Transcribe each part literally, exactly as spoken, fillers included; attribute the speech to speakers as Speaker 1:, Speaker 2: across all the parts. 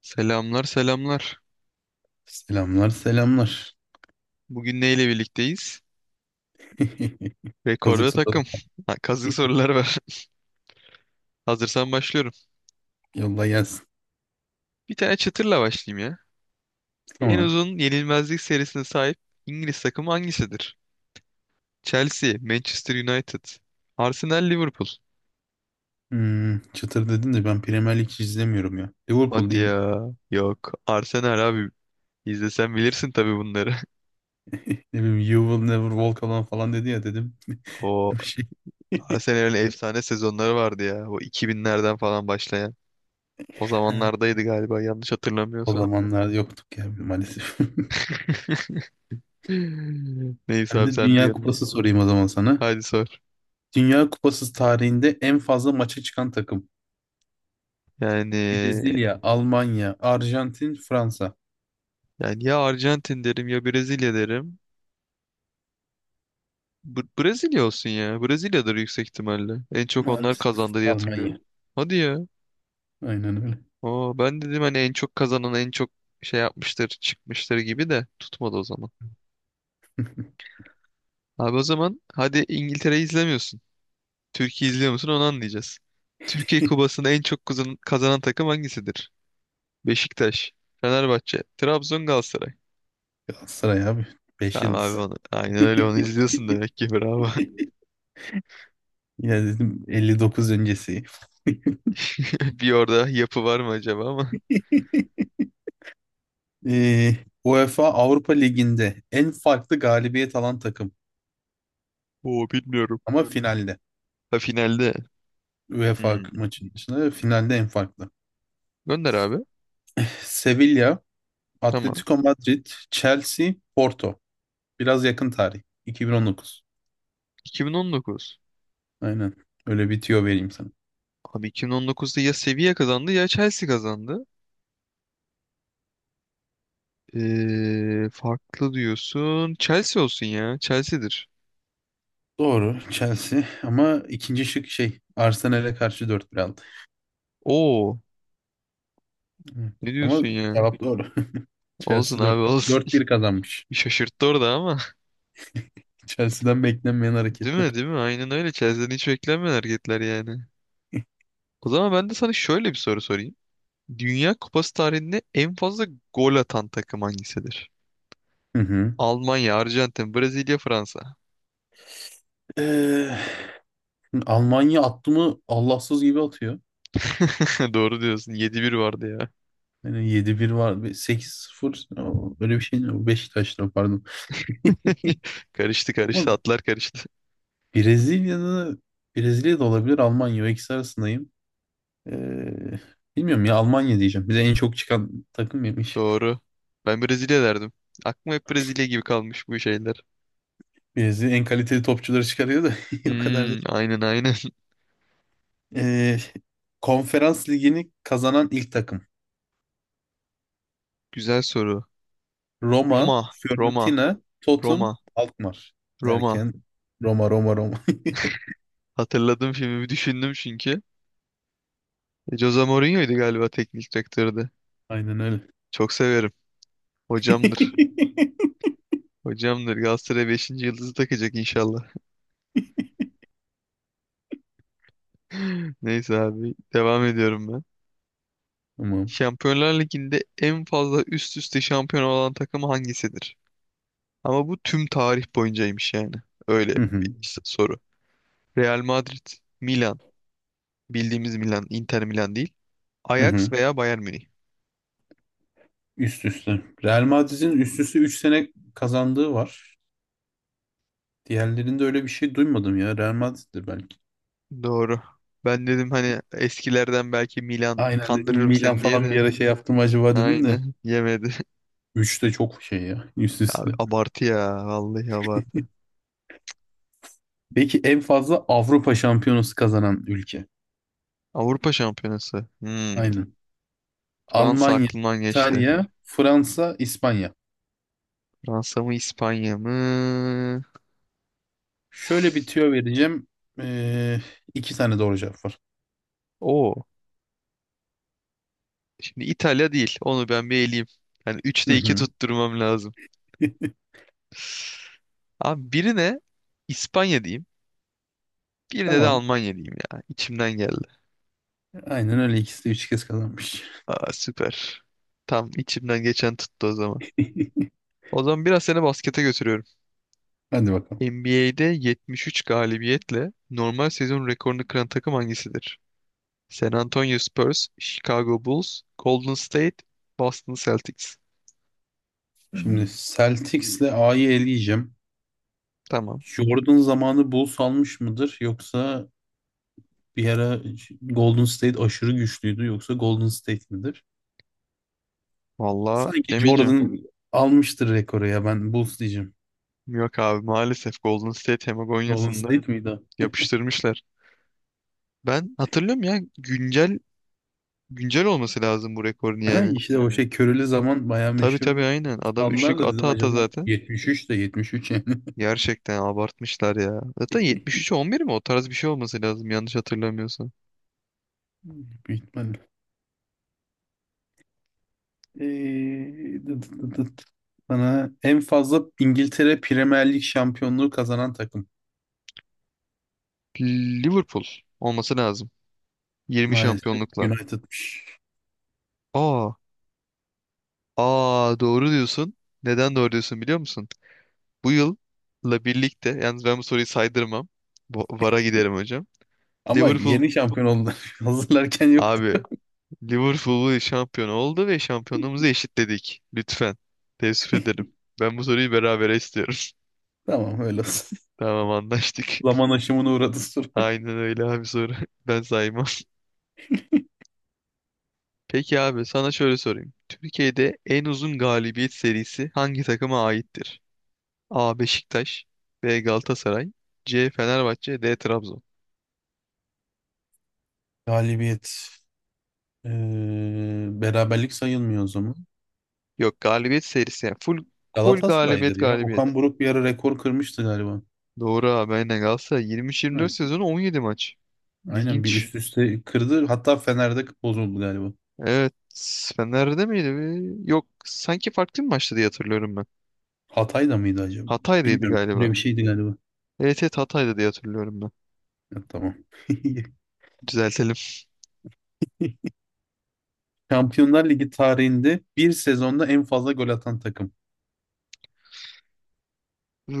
Speaker 1: Selamlar selamlar.
Speaker 2: Selamlar selamlar.
Speaker 1: Bugün neyle birlikteyiz? Rekor
Speaker 2: Kazık
Speaker 1: ve
Speaker 2: soda.
Speaker 1: takım. Ha, Kazık sorular var. Hazırsan başlıyorum.
Speaker 2: Yolla gelsin.
Speaker 1: Bir tane çıtırla başlayayım ya. En
Speaker 2: Tamam.
Speaker 1: uzun yenilmezlik serisine sahip İngiliz takımı hangisidir? Chelsea, Manchester United, Arsenal, Liverpool.
Speaker 2: Hmm, çıtır dedin de ben Premier Lig hiç izlemiyorum ya. Liverpool
Speaker 1: Hadi
Speaker 2: diyeyim.
Speaker 1: ya. Yok. Arsenal abi. İzlesen bilirsin tabii bunları.
Speaker 2: Ne bileyim You Will Never Walk Alone falan dedi ya dedim.
Speaker 1: O
Speaker 2: Bir şey.
Speaker 1: Arsenal'in efsane sezonları vardı ya. O iki binlerden falan başlayan. O zamanlardaydı galiba, yanlış
Speaker 2: O
Speaker 1: hatırlamıyorsam.
Speaker 2: zamanlar yoktuk ya maalesef.
Speaker 1: Neyse
Speaker 2: Ben
Speaker 1: abi
Speaker 2: de
Speaker 1: sen de.
Speaker 2: Dünya Kupası sorayım o zaman sana.
Speaker 1: Hadi sor.
Speaker 2: Dünya Kupası tarihinde en fazla maça çıkan takım.
Speaker 1: Yani
Speaker 2: Brezilya, Almanya, Arjantin, Fransa.
Speaker 1: yani ya Arjantin derim ya Brezilya derim. Br- Brezilya olsun ya. Brezilya'dır yüksek ihtimalle. En çok onlar
Speaker 2: Maalesef
Speaker 1: kazandı diye
Speaker 2: Almanya.
Speaker 1: hatırlıyorum. Hadi ya.
Speaker 2: Aynen öyle.
Speaker 1: Oo, ben dedim hani en çok kazanan en çok şey yapmıştır, çıkmıştır gibi, de tutmadı o zaman. Abi, o zaman hadi, İngiltere'yi izlemiyorsun. Türkiye izliyor musun onu anlayacağız. Türkiye Kupası'nda en çok kazan- kazanan takım hangisidir? Beşiktaş, Fenerbahçe, Trabzon, Galatasaray.
Speaker 2: Galatasaray abi. Beş
Speaker 1: Tamam abi,
Speaker 2: yıldız.
Speaker 1: onu. Aynen öyle, onu izliyorsun demek ki, bravo.
Speaker 2: Ya dedim elli dokuz öncesi.
Speaker 1: Bir orada yapı var mı acaba ama.
Speaker 2: Ee, UEFA Avrupa Ligi'nde en farklı galibiyet alan takım.
Speaker 1: Oo, bilmiyorum.
Speaker 2: Ama finalde.
Speaker 1: Ha, finalde.
Speaker 2: UEFA
Speaker 1: Hmm.
Speaker 2: maçının dışında finalde en farklı.
Speaker 1: Gönder abi.
Speaker 2: Sevilla,
Speaker 1: Tamam.
Speaker 2: Atletico Madrid, Chelsea, Porto. Biraz yakın tarih. iki bin on dokuz.
Speaker 1: iki bin on dokuz.
Speaker 2: Aynen. Öyle bir tüyo vereyim sana.
Speaker 1: Abi, iki bin on dokuzda ya Sevilla kazandı ya Chelsea kazandı. Ee, farklı diyorsun. Chelsea olsun ya. Chelsea'dir.
Speaker 2: Doğru Chelsea ama ikinci şık şey Arsenal'e karşı dört bir aldı.
Speaker 1: Oo.
Speaker 2: Hı.
Speaker 1: Ne
Speaker 2: Ama
Speaker 1: diyorsun ya?
Speaker 2: cevap doğru.
Speaker 1: Olsun
Speaker 2: Chelsea
Speaker 1: abi,
Speaker 2: 4-1
Speaker 1: olsun.
Speaker 2: 4-1 kazanmış.
Speaker 1: Bir şaşırttı orada ama.
Speaker 2: Chelsea'den beklenmeyen
Speaker 1: Değil
Speaker 2: hareketler.
Speaker 1: mi, değil mi? Aynen öyle. Chelsea'den hiç beklenmeyen hareketler yani. O zaman ben de sana şöyle bir soru sorayım. Dünya Kupası tarihinde en fazla gol atan takım hangisidir?
Speaker 2: Hı hı.
Speaker 1: Almanya, Arjantin, Brezilya, Fransa.
Speaker 2: Ee, Almanya attı mı Allahsız gibi atıyor.
Speaker 1: Doğru diyorsun. Yedi bir vardı ya.
Speaker 2: Yani yedi bir var. Sekiz sıfır, öyle bir şey mi? Beşiktaş'ta pardon.
Speaker 1: Karıştı karıştı.
Speaker 2: Ama
Speaker 1: Atlar karıştı.
Speaker 2: Brezilya'da Brezilya'da olabilir Almanya. O ikisi arasındayım. Ee, Bilmiyorum ya Almanya diyeceğim. Bize en çok çıkan takım yemiş.
Speaker 1: Doğru. Ben Brezilya derdim. Aklıma hep Brezilya gibi kalmış bu şeyler.
Speaker 2: Brezilya en kaliteli topçuları çıkarıyor da o kadar da.
Speaker 1: Hmm, aynen aynen.
Speaker 2: Ee, Konferans ligini kazanan ilk takım.
Speaker 1: Güzel soru.
Speaker 2: Roma,
Speaker 1: Roma, Roma,
Speaker 2: Fiorentina, Tottenham,
Speaker 1: Roma,
Speaker 2: Alkmaar
Speaker 1: Roma.
Speaker 2: derken Roma Roma Roma.
Speaker 1: Hatırladım, filmi düşündüm çünkü. E, Jose Mourinho'ydu galiba, teknik direktördü.
Speaker 2: Aynen öyle.
Speaker 1: Çok severim. Hocamdır. Hocamdır. Galatasaray beşinci yıldızı takacak inşallah. Neyse abi. Devam ediyorum ben.
Speaker 2: Tamam.
Speaker 1: Şampiyonlar Ligi'nde en fazla üst üste şampiyon olan takım hangisidir? Ama bu tüm tarih boyuncaymış yani. Öyle
Speaker 2: Hı
Speaker 1: bir
Speaker 2: hı.
Speaker 1: s- soru. Real Madrid, Milan, bildiğimiz Milan, Inter Milan değil.
Speaker 2: Hı hı.
Speaker 1: Ajax veya Bayern Münih.
Speaker 2: Üst üste. Real Madrid'in üst üste üç sene kazandığı var. Diğerlerinde öyle bir şey duymadım ya. Real Madrid'dir belki.
Speaker 1: Doğru. Ben dedim hani, eskilerden belki Milan
Speaker 2: Aynen dedim
Speaker 1: kandırırım
Speaker 2: Milan
Speaker 1: seni diye
Speaker 2: falan bir
Speaker 1: de.
Speaker 2: ara şey yaptım acaba dedim de.
Speaker 1: Aynen. Yemedi.
Speaker 2: Üç de çok şey ya üst
Speaker 1: Abi,
Speaker 2: üste.
Speaker 1: abartı ya. Vallahi abartı.
Speaker 2: Peki en fazla Avrupa Şampiyonası kazanan ülke.
Speaker 1: Avrupa Şampiyonası. Hmm,
Speaker 2: Aynen.
Speaker 1: Fransa
Speaker 2: Almanya,
Speaker 1: aklımdan geçti.
Speaker 2: İtalya, Fransa, İspanya.
Speaker 1: Fransa mı, İspanya mı?
Speaker 2: Şöyle bir tüyo vereceğim. Ee, iki tane doğru cevap var.
Speaker 1: O, şimdi İtalya değil. Onu ben bir eleyeyim. Yani
Speaker 2: Hı
Speaker 1: üçte iki
Speaker 2: hı.
Speaker 1: tutturmam lazım. Abi, birine İspanya diyeyim. Birine de
Speaker 2: Tamam.
Speaker 1: Almanya diyeyim ya. İçimden geldi.
Speaker 2: Aynen öyle ikisi de üç kez kazanmış.
Speaker 1: Aa, süper. Tam içimden geçen tuttu o zaman. O zaman biraz seni baskete götürüyorum.
Speaker 2: Hadi bakalım.
Speaker 1: N B A'de yetmiş üç galibiyetle normal sezon rekorunu kıran takım hangisidir? San Antonio Spurs, Chicago Bulls, Golden State, Boston Celtics.
Speaker 2: Şimdi Celtics'le A'yı eleyeceğim.
Speaker 1: Tamam.
Speaker 2: Jordan zamanı Bulls almış mıdır yoksa bir ara Golden State aşırı güçlüydü yoksa Golden State midir?
Speaker 1: Vallahi
Speaker 2: Sanki
Speaker 1: bilemeyeceğim.
Speaker 2: Jordan almıştır rekoru ya ben Bulls diyeceğim.
Speaker 1: Yok abi, maalesef Golden State. Hem
Speaker 2: Golden State miydi o?
Speaker 1: yapıştırmışlar. Ben hatırlıyorum ya, güncel güncel olması lazım bu rekorun
Speaker 2: Ha,
Speaker 1: yani.
Speaker 2: işte o şey körülü zaman bayağı
Speaker 1: Tabii
Speaker 2: meşhur
Speaker 1: tabii, aynen. Adam
Speaker 2: aldılar
Speaker 1: üçlük
Speaker 2: da
Speaker 1: ata
Speaker 2: dedim
Speaker 1: ata
Speaker 2: acaba
Speaker 1: zaten.
Speaker 2: yetmiş üç de yetmiş üç yani.
Speaker 1: Gerçekten abartmışlar ya. Zaten yetmiş üçe on bir mi? O tarz bir şey olması lazım, yanlış hatırlamıyorsam.
Speaker 2: Büyük ihtimalle. Ee, dıt dıt dıt. Bana en fazla İngiltere Premier Lig şampiyonluğu kazanan takım.
Speaker 1: Liverpool olması lazım. yirmi
Speaker 2: Maalesef
Speaker 1: şampiyonlukla.
Speaker 2: United.
Speaker 1: Aa, aa, doğru diyorsun. Neden doğru diyorsun biliyor musun? Bu yılla birlikte, yalnız ben bu soruyu saydırmam. Bu- VAR'a giderim hocam.
Speaker 2: Ama
Speaker 1: Liverpool
Speaker 2: yeni şampiyon oldular. Hazırlarken yoktu.
Speaker 1: abi, Liverpool şampiyon oldu ve şampiyonluğumuzu eşitledik. Lütfen. Teessüf ederim. Ben bu soruyu berabere istiyorum.
Speaker 2: Tamam öyle olsun.
Speaker 1: Tamam, anlaştık.
Speaker 2: Zaman aşımına uğradı soru.
Speaker 1: Aynen öyle abi, soru. Ben saymam. Peki abi, sana şöyle sorayım. Türkiye'de en uzun galibiyet serisi hangi takıma aittir? A. Beşiktaş, B. Galatasaray, C. Fenerbahçe, D. Trabzon.
Speaker 2: Galibiyet. Ee, beraberlik sayılmıyor o zaman.
Speaker 1: Yok, galibiyet serisi yani, full, full
Speaker 2: Galatasaray'dır
Speaker 1: galibiyet
Speaker 2: ya.
Speaker 1: galibiyet.
Speaker 2: Okan Buruk bir ara rekor kırmıştı galiba.
Speaker 1: Doğru abi, aynen Galatasaray
Speaker 2: Değil
Speaker 1: yirmi üç yirmi dört
Speaker 2: mi?
Speaker 1: sezonu on yedi maç.
Speaker 2: Aynen bir
Speaker 1: İlginç.
Speaker 2: üst üste kırdı. Hatta Fener'de bozuldu galiba.
Speaker 1: Evet. Fener'de miydi? Bir- Yok. Sanki farklı bir maçtı diye hatırlıyorum ben.
Speaker 2: Hatay'da mıydı acaba?
Speaker 1: Hatay'daydı
Speaker 2: Bilmiyorum. Böyle
Speaker 1: galiba.
Speaker 2: bir şeydi galiba.
Speaker 1: Evet evet, Hatay'da diye hatırlıyorum ben.
Speaker 2: Ya, tamam.
Speaker 1: Düzeltelim.
Speaker 2: Şampiyonlar Ligi tarihinde bir sezonda en fazla gol atan takım.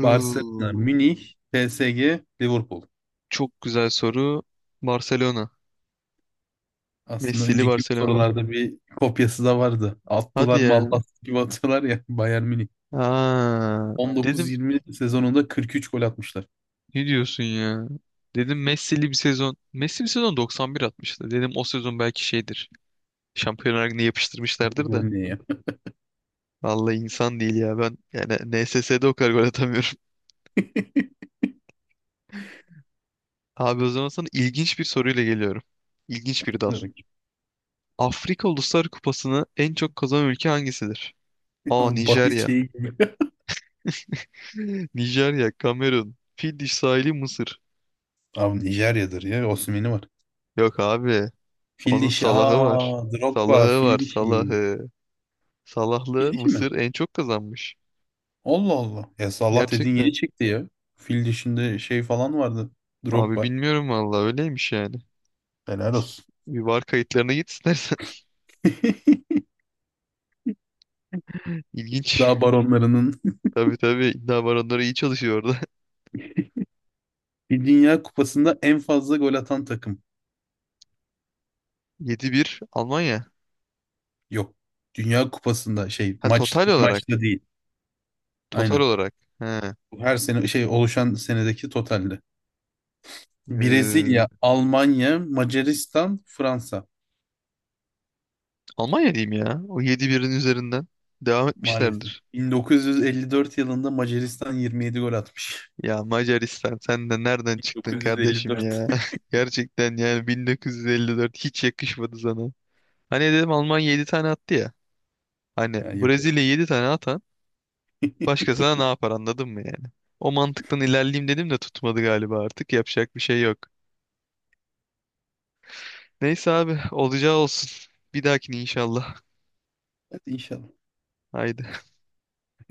Speaker 2: Barcelona, Münih, P S G, Liverpool.
Speaker 1: Çok güzel soru. Barcelona.
Speaker 2: Aslında
Speaker 1: Messi'li
Speaker 2: önceki bir
Speaker 1: Barcelona.
Speaker 2: sorularda bir kopyası da vardı.
Speaker 1: Hadi
Speaker 2: Attılar mı
Speaker 1: ya.
Speaker 2: Allah gibi atıyorlar ya. Bayern Münih.
Speaker 1: Aa, dedim
Speaker 2: on dokuz yirmi sezonunda kırk üç gol atmışlar.
Speaker 1: ne diyorsun ya? Dedim Messi'li bir sezon. Messi bir sezon doksan bir atmıştı. Dedim o sezon belki şeydir. Şampiyonlar Ligi'ne
Speaker 2: Bir
Speaker 1: yapıştırmışlardır
Speaker 2: gol
Speaker 1: da.
Speaker 2: ne ya?
Speaker 1: Vallahi insan değil ya. Ben yani N S S'de o kadar gol atamıyorum. Abi, o zaman sana ilginç bir soruyla geliyorum. İlginç bir dal. Afrika Uluslar Kupası'nı en çok kazanan ülke hangisidir? A.
Speaker 2: Bahis
Speaker 1: Nijerya.
Speaker 2: şeyi gibi.
Speaker 1: Nijerya, Kamerun, Fiddiş sahili, Mısır.
Speaker 2: Abi Nijerya'dır ya. Osimhen'i var.
Speaker 1: Yok abi.
Speaker 2: Fil
Speaker 1: Onun
Speaker 2: dişi.
Speaker 1: Salah'ı var.
Speaker 2: Aa, Drogba.
Speaker 1: Salah'ı var,
Speaker 2: Fil dişi.
Speaker 1: Salah'ı.
Speaker 2: Fil
Speaker 1: Salahlı
Speaker 2: dişi mi?
Speaker 1: Mısır en çok kazanmış.
Speaker 2: Allah Allah. Ya Allah dediğin yeni
Speaker 1: Gerçekten.
Speaker 2: çıktı ya. Fil dişinde şey falan vardı.
Speaker 1: Abi
Speaker 2: Drogba.
Speaker 1: bilmiyorum vallahi, öyleymiş yani.
Speaker 2: Helal olsun.
Speaker 1: Bir var kayıtlarına git istersen. İlginç.
Speaker 2: Daha baronlarının
Speaker 1: Tabii tabii, iddia baronları iyi çalışıyor orada.
Speaker 2: bir Dünya Kupası'nda en fazla gol atan takım.
Speaker 1: Yedi bir. Almanya.
Speaker 2: Yok. Dünya Kupası'nda şey
Speaker 1: Ha,
Speaker 2: maç
Speaker 1: total olarak.
Speaker 2: maçta değil.
Speaker 1: Total
Speaker 2: Aynen.
Speaker 1: olarak. He.
Speaker 2: Bu her sene şey oluşan senedeki totalde.
Speaker 1: Ee,
Speaker 2: Brezilya, Almanya, Macaristan, Fransa
Speaker 1: Almanya diyeyim ya. O yedi birin üzerinden devam
Speaker 2: maalesef.
Speaker 1: etmişlerdir.
Speaker 2: bin dokuz yüz elli dört yılında Macaristan yirmi yedi gol atmış.
Speaker 1: Ya Macaristan, sen de nereden çıktın kardeşim
Speaker 2: bin dokuz yüz elli dört.
Speaker 1: ya? Gerçekten yani, bin dokuz yüz elli dört hiç yakışmadı sana. Hani dedim, Almanya yedi tane attı ya. Hani
Speaker 2: Ha, yok.
Speaker 1: Brezilya yedi tane atan başkasına ne yapar, anladın mı yani? O mantıktan ilerleyeyim dedim de tutmadı galiba, artık yapacak bir şey yok. Neyse abi, olacağı olsun. Bir dahakine inşallah.
Speaker 2: Hadi inşallah.
Speaker 1: Haydi.